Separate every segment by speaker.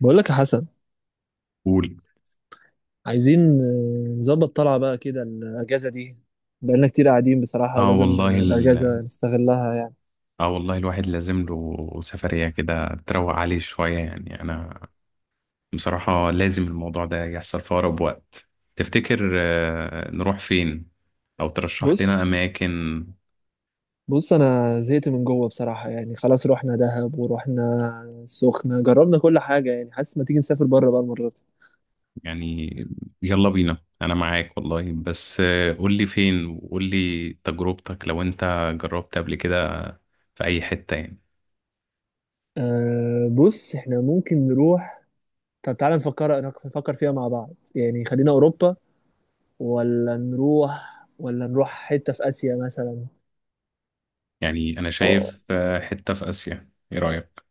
Speaker 1: بقول لك يا حسن،
Speaker 2: قول.
Speaker 1: عايزين نظبط طلعة بقى كده الأجازة دي. بقالنا كتير قاعدين بصراحة،
Speaker 2: اه
Speaker 1: ولازم
Speaker 2: والله ال...
Speaker 1: الأجازة نستغلها يعني.
Speaker 2: اه والله الواحد لازم له سفرية كده تروق عليه شوية، يعني انا بصراحة لازم الموضوع ده يحصل في اقرب وقت. تفتكر نروح فين؟ او ترشح
Speaker 1: بص
Speaker 2: لنا اماكن؟
Speaker 1: بص، أنا زهقت من جوه بصراحة يعني. خلاص، رحنا دهب ورحنا السخنة، جربنا كل حاجة يعني. حاسس ما تيجي نسافر بره بقى المرة دي.
Speaker 2: يعني يلا بينا، انا معاك والله، بس قول لي فين وقول لي تجربتك لو انت جربت قبل كده في اي حتة يعني.
Speaker 1: أه بص احنا ممكن نروح. طب تعالى نفكر فيها مع بعض يعني. خلينا أوروبا ولا نروح حتة في آسيا مثلا.
Speaker 2: يعني انا
Speaker 1: اه
Speaker 2: شايف حتة في اسيا، ايه رأيك؟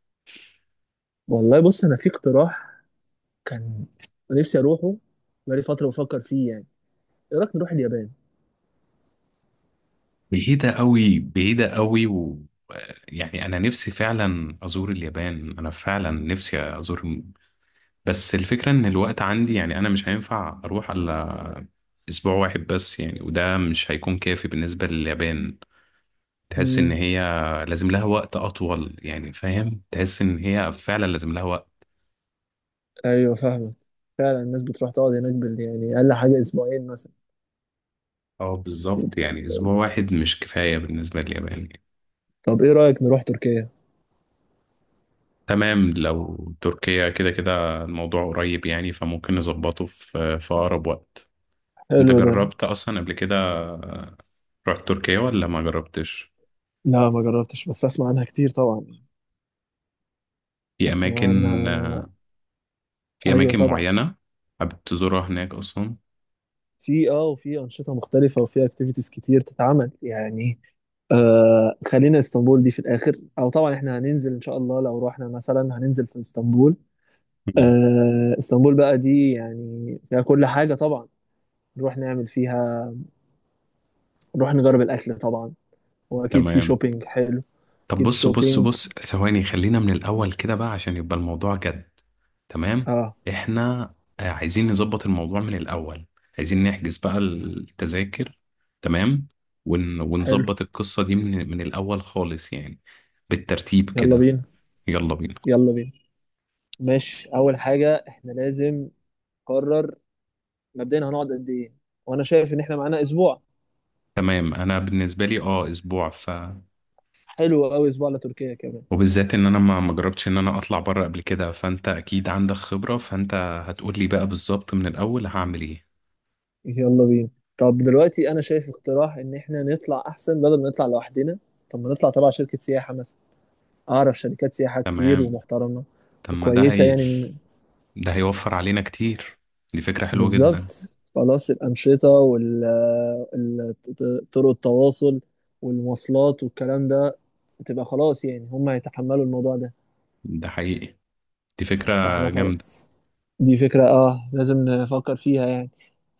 Speaker 1: والله، بص أنا في اقتراح كان نفسي اروحه، بقالي فتره بفكر فيه يعني. ايه رايك نروح اليابان؟
Speaker 2: بعيدة قوي، بعيدة قوي، و يعني أنا نفسي فعلا أزور اليابان، أنا فعلا نفسي أزور. بس الفكرة إن الوقت عندي، يعني أنا مش هينفع أروح إلا أسبوع واحد بس يعني، وده مش هيكون كافي بالنسبة لليابان. تحس إن
Speaker 1: امم.
Speaker 2: هي لازم لها وقت أطول يعني، فاهم؟ تحس إن هي فعلا لازم لها وقت.
Speaker 1: ايوه فاهمك. فعلا الناس بتروح تقعد هناك بال يعني اقل حاجه اسبوعين مثلا.
Speaker 2: اه بالظبط، يعني أسبوع واحد مش كفاية بالنسبة لليابان يعني.
Speaker 1: طب ايه رايك نروح تركيا؟
Speaker 2: تمام، لو تركيا كده كده الموضوع قريب يعني، فممكن نظبطه في أقرب وقت. انت
Speaker 1: حلو ده.
Speaker 2: جربت اصلا قبل كده؟ رحت تركيا ولا ما جربتش؟
Speaker 1: لا ما جربتش، بس اسمع عنها كتير طبعا يعني.
Speaker 2: في
Speaker 1: اسمع
Speaker 2: اماكن
Speaker 1: عنها.
Speaker 2: في
Speaker 1: ايوه
Speaker 2: اماكن
Speaker 1: طبعا.
Speaker 2: معينة؟ حابب تزورها هناك اصلا؟
Speaker 1: في اه، وفي انشطه مختلفه وفي اكتيفيتيز كتير تتعمل يعني. آه خلينا اسطنبول دي في الاخر، او طبعا احنا هننزل ان شاء الله لو رحنا مثلا هننزل في اسطنبول.
Speaker 2: مم.
Speaker 1: آه اسطنبول بقى دي يعني فيها كل حاجه طبعا. نروح نعمل فيها، نروح نجرب الاكل طبعا، واكيد في
Speaker 2: تمام.
Speaker 1: شوبينج حلو.
Speaker 2: طب
Speaker 1: اكيد
Speaker 2: بص بص
Speaker 1: شوبينج.
Speaker 2: بص ثواني، خلينا من الاول كده بقى عشان يبقى الموضوع جد. تمام،
Speaker 1: اه
Speaker 2: احنا عايزين نظبط الموضوع من الاول، عايزين نحجز بقى التذاكر، تمام،
Speaker 1: حلو.
Speaker 2: ونظبط القصة دي من الاول خالص، يعني بالترتيب
Speaker 1: يلا
Speaker 2: كده.
Speaker 1: بينا
Speaker 2: يلا بينا.
Speaker 1: يلا بينا. ماشي، اول حاجه احنا لازم نقرر مبدئيا هنقعد قد ايه. وانا شايف ان احنا معانا اسبوع.
Speaker 2: تمام، انا بالنسبه لي اسبوع ف.
Speaker 1: حلو قوي، اسبوع لتركيا كمان.
Speaker 2: وبالذات ان انا ما جربتش ان انا اطلع بره قبل كده، فانت اكيد عندك خبره، فانت هتقول لي بقى بالظبط من الاول هعمل ايه.
Speaker 1: يلا بينا. طب دلوقتي انا شايف اقتراح ان احنا نطلع احسن، بدل ما نطلع لوحدنا، طب ما نطلع تبع شركه سياحه مثلا. اعرف شركات سياحه كتير
Speaker 2: تمام.
Speaker 1: ومحترمه
Speaker 2: طب ما ده
Speaker 1: وكويسه
Speaker 2: هي،
Speaker 1: يعني.
Speaker 2: ده هيوفر علينا كتير، دي فكره حلوه جدا.
Speaker 1: بالظبط. خلاص، الأنشطة وطرق التواصل والمواصلات والكلام ده تبقى خلاص يعني، هم هيتحملوا الموضوع ده.
Speaker 2: ده حقيقي، دي فكره
Speaker 1: فاحنا
Speaker 2: جامده.
Speaker 1: خلاص، دي فكرة اه لازم نفكر فيها يعني.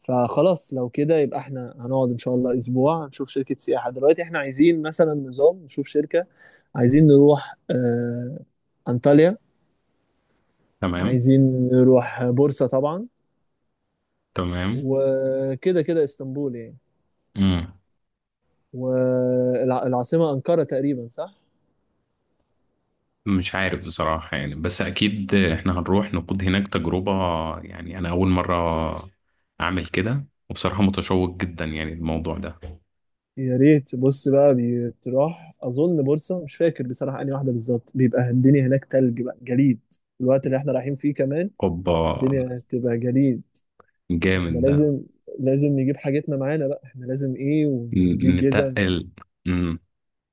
Speaker 1: فخلاص لو كده يبقى احنا هنقعد ان شاء الله اسبوع، نشوف شركة سياحة دلوقتي. احنا عايزين مثلا نظام نشوف شركة. عايزين نروح انطاليا.
Speaker 2: تمام.
Speaker 1: عايزين نروح بورصة طبعا.
Speaker 2: تمام.
Speaker 1: وكده كده اسطنبول يعني.
Speaker 2: امم
Speaker 1: والعاصمة أنقرة تقريبا، صح؟
Speaker 2: مش عارف بصراحه يعني، بس اكيد احنا هنروح نقود هناك تجربه، يعني انا اول مره اعمل كده وبصراحه متشوق جدا يعني الموضوع ده.
Speaker 1: يا ريت. بص بقى، بتروح أظن بورصة، مش فاكر بصراحة أنهي واحدة بالظبط، بيبقى الدنيا هناك تلج بقى، جليد. الوقت اللي احنا رايحين فيه كمان
Speaker 2: اوبا،
Speaker 1: الدنيا هتبقى جليد.
Speaker 2: جامد
Speaker 1: احنا
Speaker 2: ده.
Speaker 1: لازم نجيب حاجتنا معانا بقى. احنا لازم ايه ونجيب جزم
Speaker 2: نتقل. امم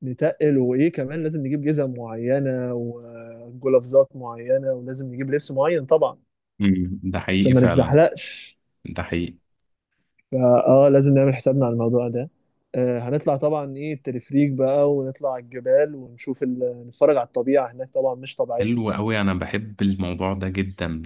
Speaker 1: نتقل. وايه كمان، لازم نجيب جزم معينة وجلافزات معينة، ولازم نجيب لبس معين طبعا
Speaker 2: أمم. ده حقيقي
Speaker 1: عشان ما
Speaker 2: فعلا.
Speaker 1: نتزحلقش.
Speaker 2: ده حقيقي.
Speaker 1: فاه، لازم نعمل حسابنا على الموضوع ده. هنطلع طبعا ايه التلفريك بقى، ونطلع على الجبال ونشوف نتفرج على الطبيعة هناك طبعا، مش طبيعية.
Speaker 2: حلو قوي، انا بحب الموضوع ده جدا،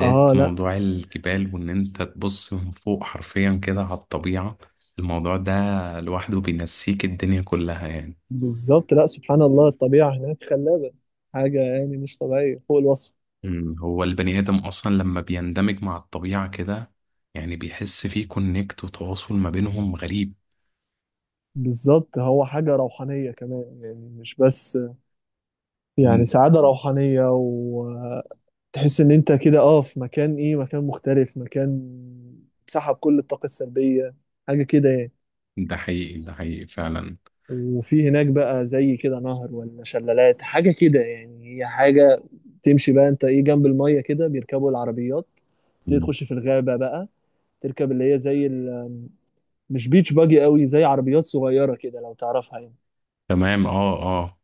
Speaker 1: اه لا،
Speaker 2: موضوع الجبال وان انت تبص من فوق حرفيا كده على الطبيعة. الموضوع ده لوحده بينسيك الدنيا كلها يعني.
Speaker 1: بالظبط. لا سبحان الله، الطبيعة هناك خلابة، حاجة يعني مش طبيعية فوق الوصف.
Speaker 2: أمم. هو البني ادم اصلا لما بيندمج مع الطبيعة كده، يعني بيحس فيه كونكت وتواصل ما بينهم غريب.
Speaker 1: بالظبط. هو حاجة روحانية كمان يعني، مش بس يعني
Speaker 2: أمم.
Speaker 1: سعادة روحانية. وتحس ان انت كده اه في مكان، مكان مختلف، مكان سحب كل الطاقة السلبية، حاجة كده يعني.
Speaker 2: ده حقيقي، ده حقيقي فعلا.
Speaker 1: وفي هناك بقى زي كده نهر ولا شلالات حاجة كده يعني، هي حاجة. تمشي بقى انت ايه جنب المية كده، بيركبوا العربيات، تبتدي
Speaker 2: أمم.
Speaker 1: تخش في الغابة بقى. تركب اللي هي زي مش بيتش باجي قوي، زي عربيات صغيرة كده لو تعرفها يعني،
Speaker 2: تمام. اه، اه.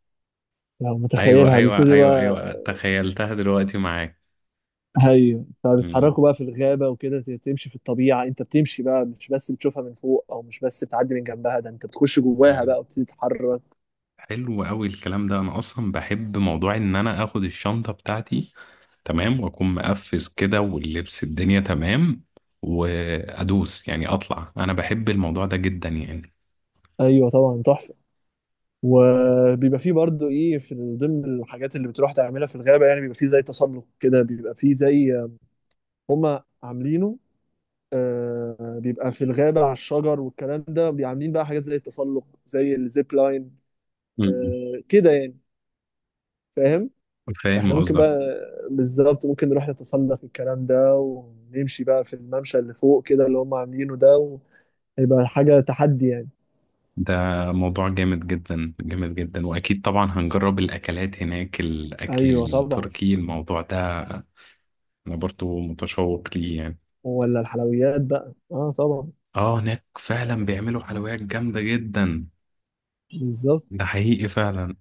Speaker 1: لو
Speaker 2: ايوه،
Speaker 1: متخيلها.
Speaker 2: ايوه،
Speaker 1: بيبتدوا
Speaker 2: ايوه،
Speaker 1: بقى
Speaker 2: ايوه، تخيلتها دلوقتي معاك.
Speaker 1: هي،
Speaker 2: مم.
Speaker 1: فبيتحركوا بقى في الغابة وكده. تمشي في الطبيعة، انت بتمشي بقى، مش بس بتشوفها من فوق او مش بس بتعدي من جنبها، ده انت بتخش جواها
Speaker 2: مم.
Speaker 1: بقى وبتتحرك.
Speaker 2: حلو قوي الكلام ده، انا اصلا بحب موضوع ان انا اخد الشنطه بتاعتي تمام، واكون مقفز كده واللبس الدنيا تمام، وادوس، يعني اطلع. انا بحب الموضوع ده جدا يعني.
Speaker 1: ايوه طبعا، تحفة. وبيبقى فيه برضه ايه، في ضمن الحاجات اللي بتروح تعملها في الغابه يعني، بيبقى فيه زي تسلق كده، بيبقى فيه زي هما عاملينه. آه بيبقى في الغابه على الشجر والكلام ده، بيعملين بقى حاجات زي التسلق، زي الزيب لاين.
Speaker 2: مم.
Speaker 1: آه كده يعني، فاهم.
Speaker 2: فاهم
Speaker 1: فاحنا ممكن
Speaker 2: قصدك.
Speaker 1: بقى، بالظبط ممكن نروح نتسلق الكلام ده، ونمشي بقى في الممشى اللي فوق كده اللي هما عاملينه ده، ويبقى حاجه تحدي يعني.
Speaker 2: ده موضوع جامد جدا، جامد جدا. واكيد طبعا هنجرب الاكلات هناك، الاكل
Speaker 1: ايوه طبعا.
Speaker 2: التركي الموضوع ده، انا برضو متشوق ليه يعني.
Speaker 1: ولا الحلويات بقى اه، طبعا.
Speaker 2: اه، هناك فعلا بيعملوا حلويات جامدة جدا. ده
Speaker 1: بالظبط.
Speaker 2: حقيقي فعلا.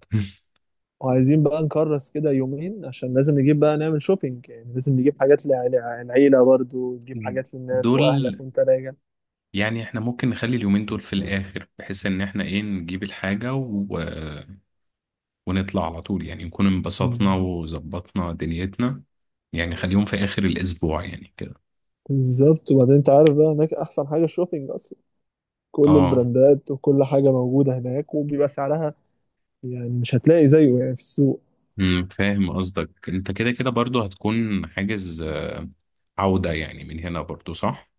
Speaker 1: وعايزين بقى نكرس كده يومين، عشان لازم نجيب بقى نعمل شوبينج يعني، لازم نجيب حاجات العيلة برضو، نجيب حاجات للناس
Speaker 2: دول.
Speaker 1: وأهلك وأنت راجع.
Speaker 2: يعني احنا ممكن نخلي اليومين دول في الآخر، بحيث ان احنا ايه نجيب الحاجة ونطلع على طول، يعني نكون انبسطنا
Speaker 1: مم.
Speaker 2: وظبطنا دنيتنا، يعني خليهم في آخر الأسبوع يعني كده.
Speaker 1: بالظبط. وبعدين أنت عارف بقى هناك أحسن حاجة الشوبينج أصلا. كل
Speaker 2: اه.
Speaker 1: البراندات وكل حاجة موجودة هناك، وبيبقى سعرها يعني مش هتلاقي زيه يعني في السوق.
Speaker 2: فاهم قصدك. انت كده كده برضو هتكون حاجز عودة يعني، من هنا برضو صح؟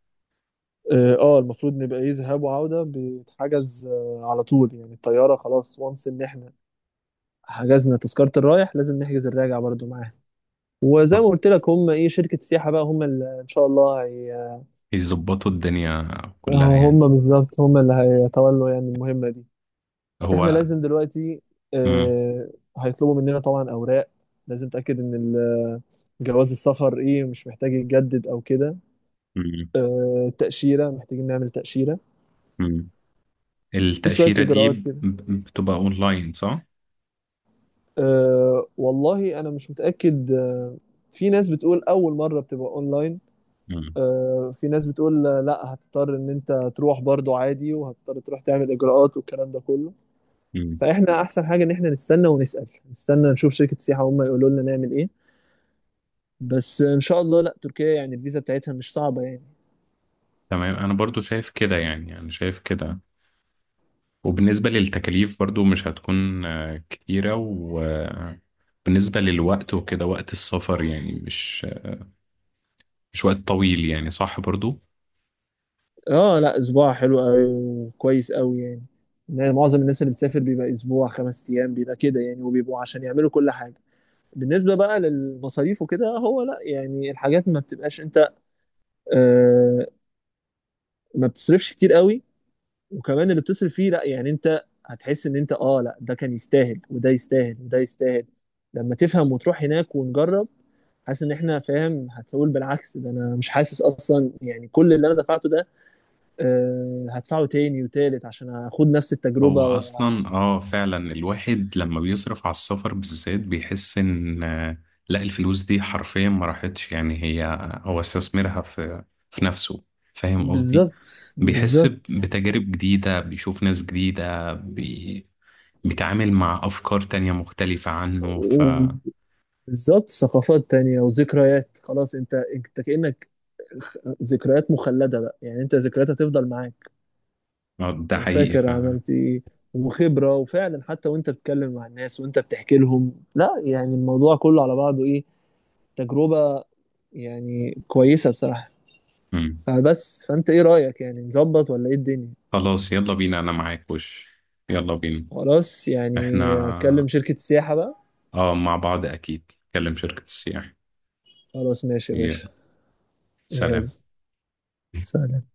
Speaker 1: اه، المفروض نبقى ايه ذهاب وعودة، بيتحجز على طول يعني الطيارة خلاص. وانس ان احنا حجزنا تذكرة الرايح، لازم نحجز الراجع برضو معاها. وزي ما قلت لك، هم ايه شركة سياحة بقى، هم اللي ان شاء الله.
Speaker 2: يظبطوا الدنيا كلها
Speaker 1: هو
Speaker 2: يعني،
Speaker 1: هم بالظبط، هم اللي هيتولوا يعني المهمة دي. بس احنا
Speaker 2: هو.
Speaker 1: لازم دلوقتي
Speaker 2: مم.
Speaker 1: آه، هيطلبوا مننا طبعا أوراق. لازم تأكد إن جواز السفر إيه مش محتاج يتجدد أو كده.
Speaker 2: مم.
Speaker 1: التأشيرة، محتاجين نعمل تأشيرة،
Speaker 2: مم.
Speaker 1: في شوية
Speaker 2: التأشيرة دي
Speaker 1: إجراءات كده.
Speaker 2: بتبقى اونلاين صح؟
Speaker 1: والله أنا مش متأكد. في ناس بتقول أول مرة بتبقى أونلاين.
Speaker 2: مم.
Speaker 1: في ناس بتقول لا، هتضطر إن أنت تروح برضو عادي، وهتضطر تروح تعمل إجراءات والكلام ده كله.
Speaker 2: مم.
Speaker 1: فاحنا احسن حاجه ان احنا نستنى ونسال، نستنى نشوف شركه السياحه هم يقولوا لنا نعمل ايه. بس ان شاء الله لا، تركيا يعني الفيزا بتاعتها مش صعبه يعني.
Speaker 2: تمام، انا برضو شايف كده، يعني انا شايف كده. وبالنسبة للتكاليف برضو مش هتكون كتيرة، وبالنسبة للوقت وكده وقت السفر، يعني مش وقت طويل يعني، صح برضو.
Speaker 1: اه لا، اسبوع حلو قوي وكويس قوي يعني. يعني معظم الناس اللي بتسافر بيبقى اسبوع 5 ايام بيبقى كده يعني، وبيبقوا عشان يعملوا كل حاجه. بالنسبه بقى للمصاريف وكده، هو لا يعني الحاجات ما بتبقاش انت آه ما بتصرفش كتير قوي. وكمان اللي بتصرف فيه، لا يعني انت هتحس ان انت اه لا، ده كان يستاهل، وده يستاهل، وده يستاهل. لما تفهم وتروح هناك ونجرب، حاسس ان احنا فاهم هتقول بالعكس، ده انا مش حاسس اصلا يعني كل اللي انا دفعته ده آه هدفعه تاني وتالت عشان اخد نفس
Speaker 2: هو
Speaker 1: التجربة
Speaker 2: اصلا فعلا الواحد لما بيصرف على السفر بالذات بيحس ان لا، الفلوس دي حرفيا ما راحتش، يعني هي هو استثمرها في نفسه. فاهم قصدي؟
Speaker 1: بالظبط.
Speaker 2: بيحس
Speaker 1: بالظبط
Speaker 2: بتجارب جديدة، بيشوف ناس جديدة، بيتعامل مع أفكار تانية مختلفة عنه، ف
Speaker 1: وبالظبط ثقافات تانية وذكريات. خلاص انت كأنك ذكريات مخلدة بقى يعني، انت ذكريات هتفضل معاك
Speaker 2: ده حقيقي
Speaker 1: وفاكر
Speaker 2: ف.
Speaker 1: عملت ايه وخبرة. وفعلا حتى وانت بتتكلم مع الناس، وانت بتحكي لهم لا يعني، الموضوع كله على بعضه ايه تجربة يعني كويسة بصراحة.
Speaker 2: مم.
Speaker 1: فبس فانت ايه رأيك يعني، نظبط ولا ايه الدنيا؟
Speaker 2: خلاص يلا بينا، أنا معاك، يلا بينا.
Speaker 1: خلاص يعني، اكلم
Speaker 2: احنا
Speaker 1: شركة السياحة بقى.
Speaker 2: اه مع بعض أكيد، كلم شركة السياحة.
Speaker 1: خلاص ماشي يا
Speaker 2: يلا،
Speaker 1: باشا. يلا،
Speaker 2: سلام.
Speaker 1: سلام.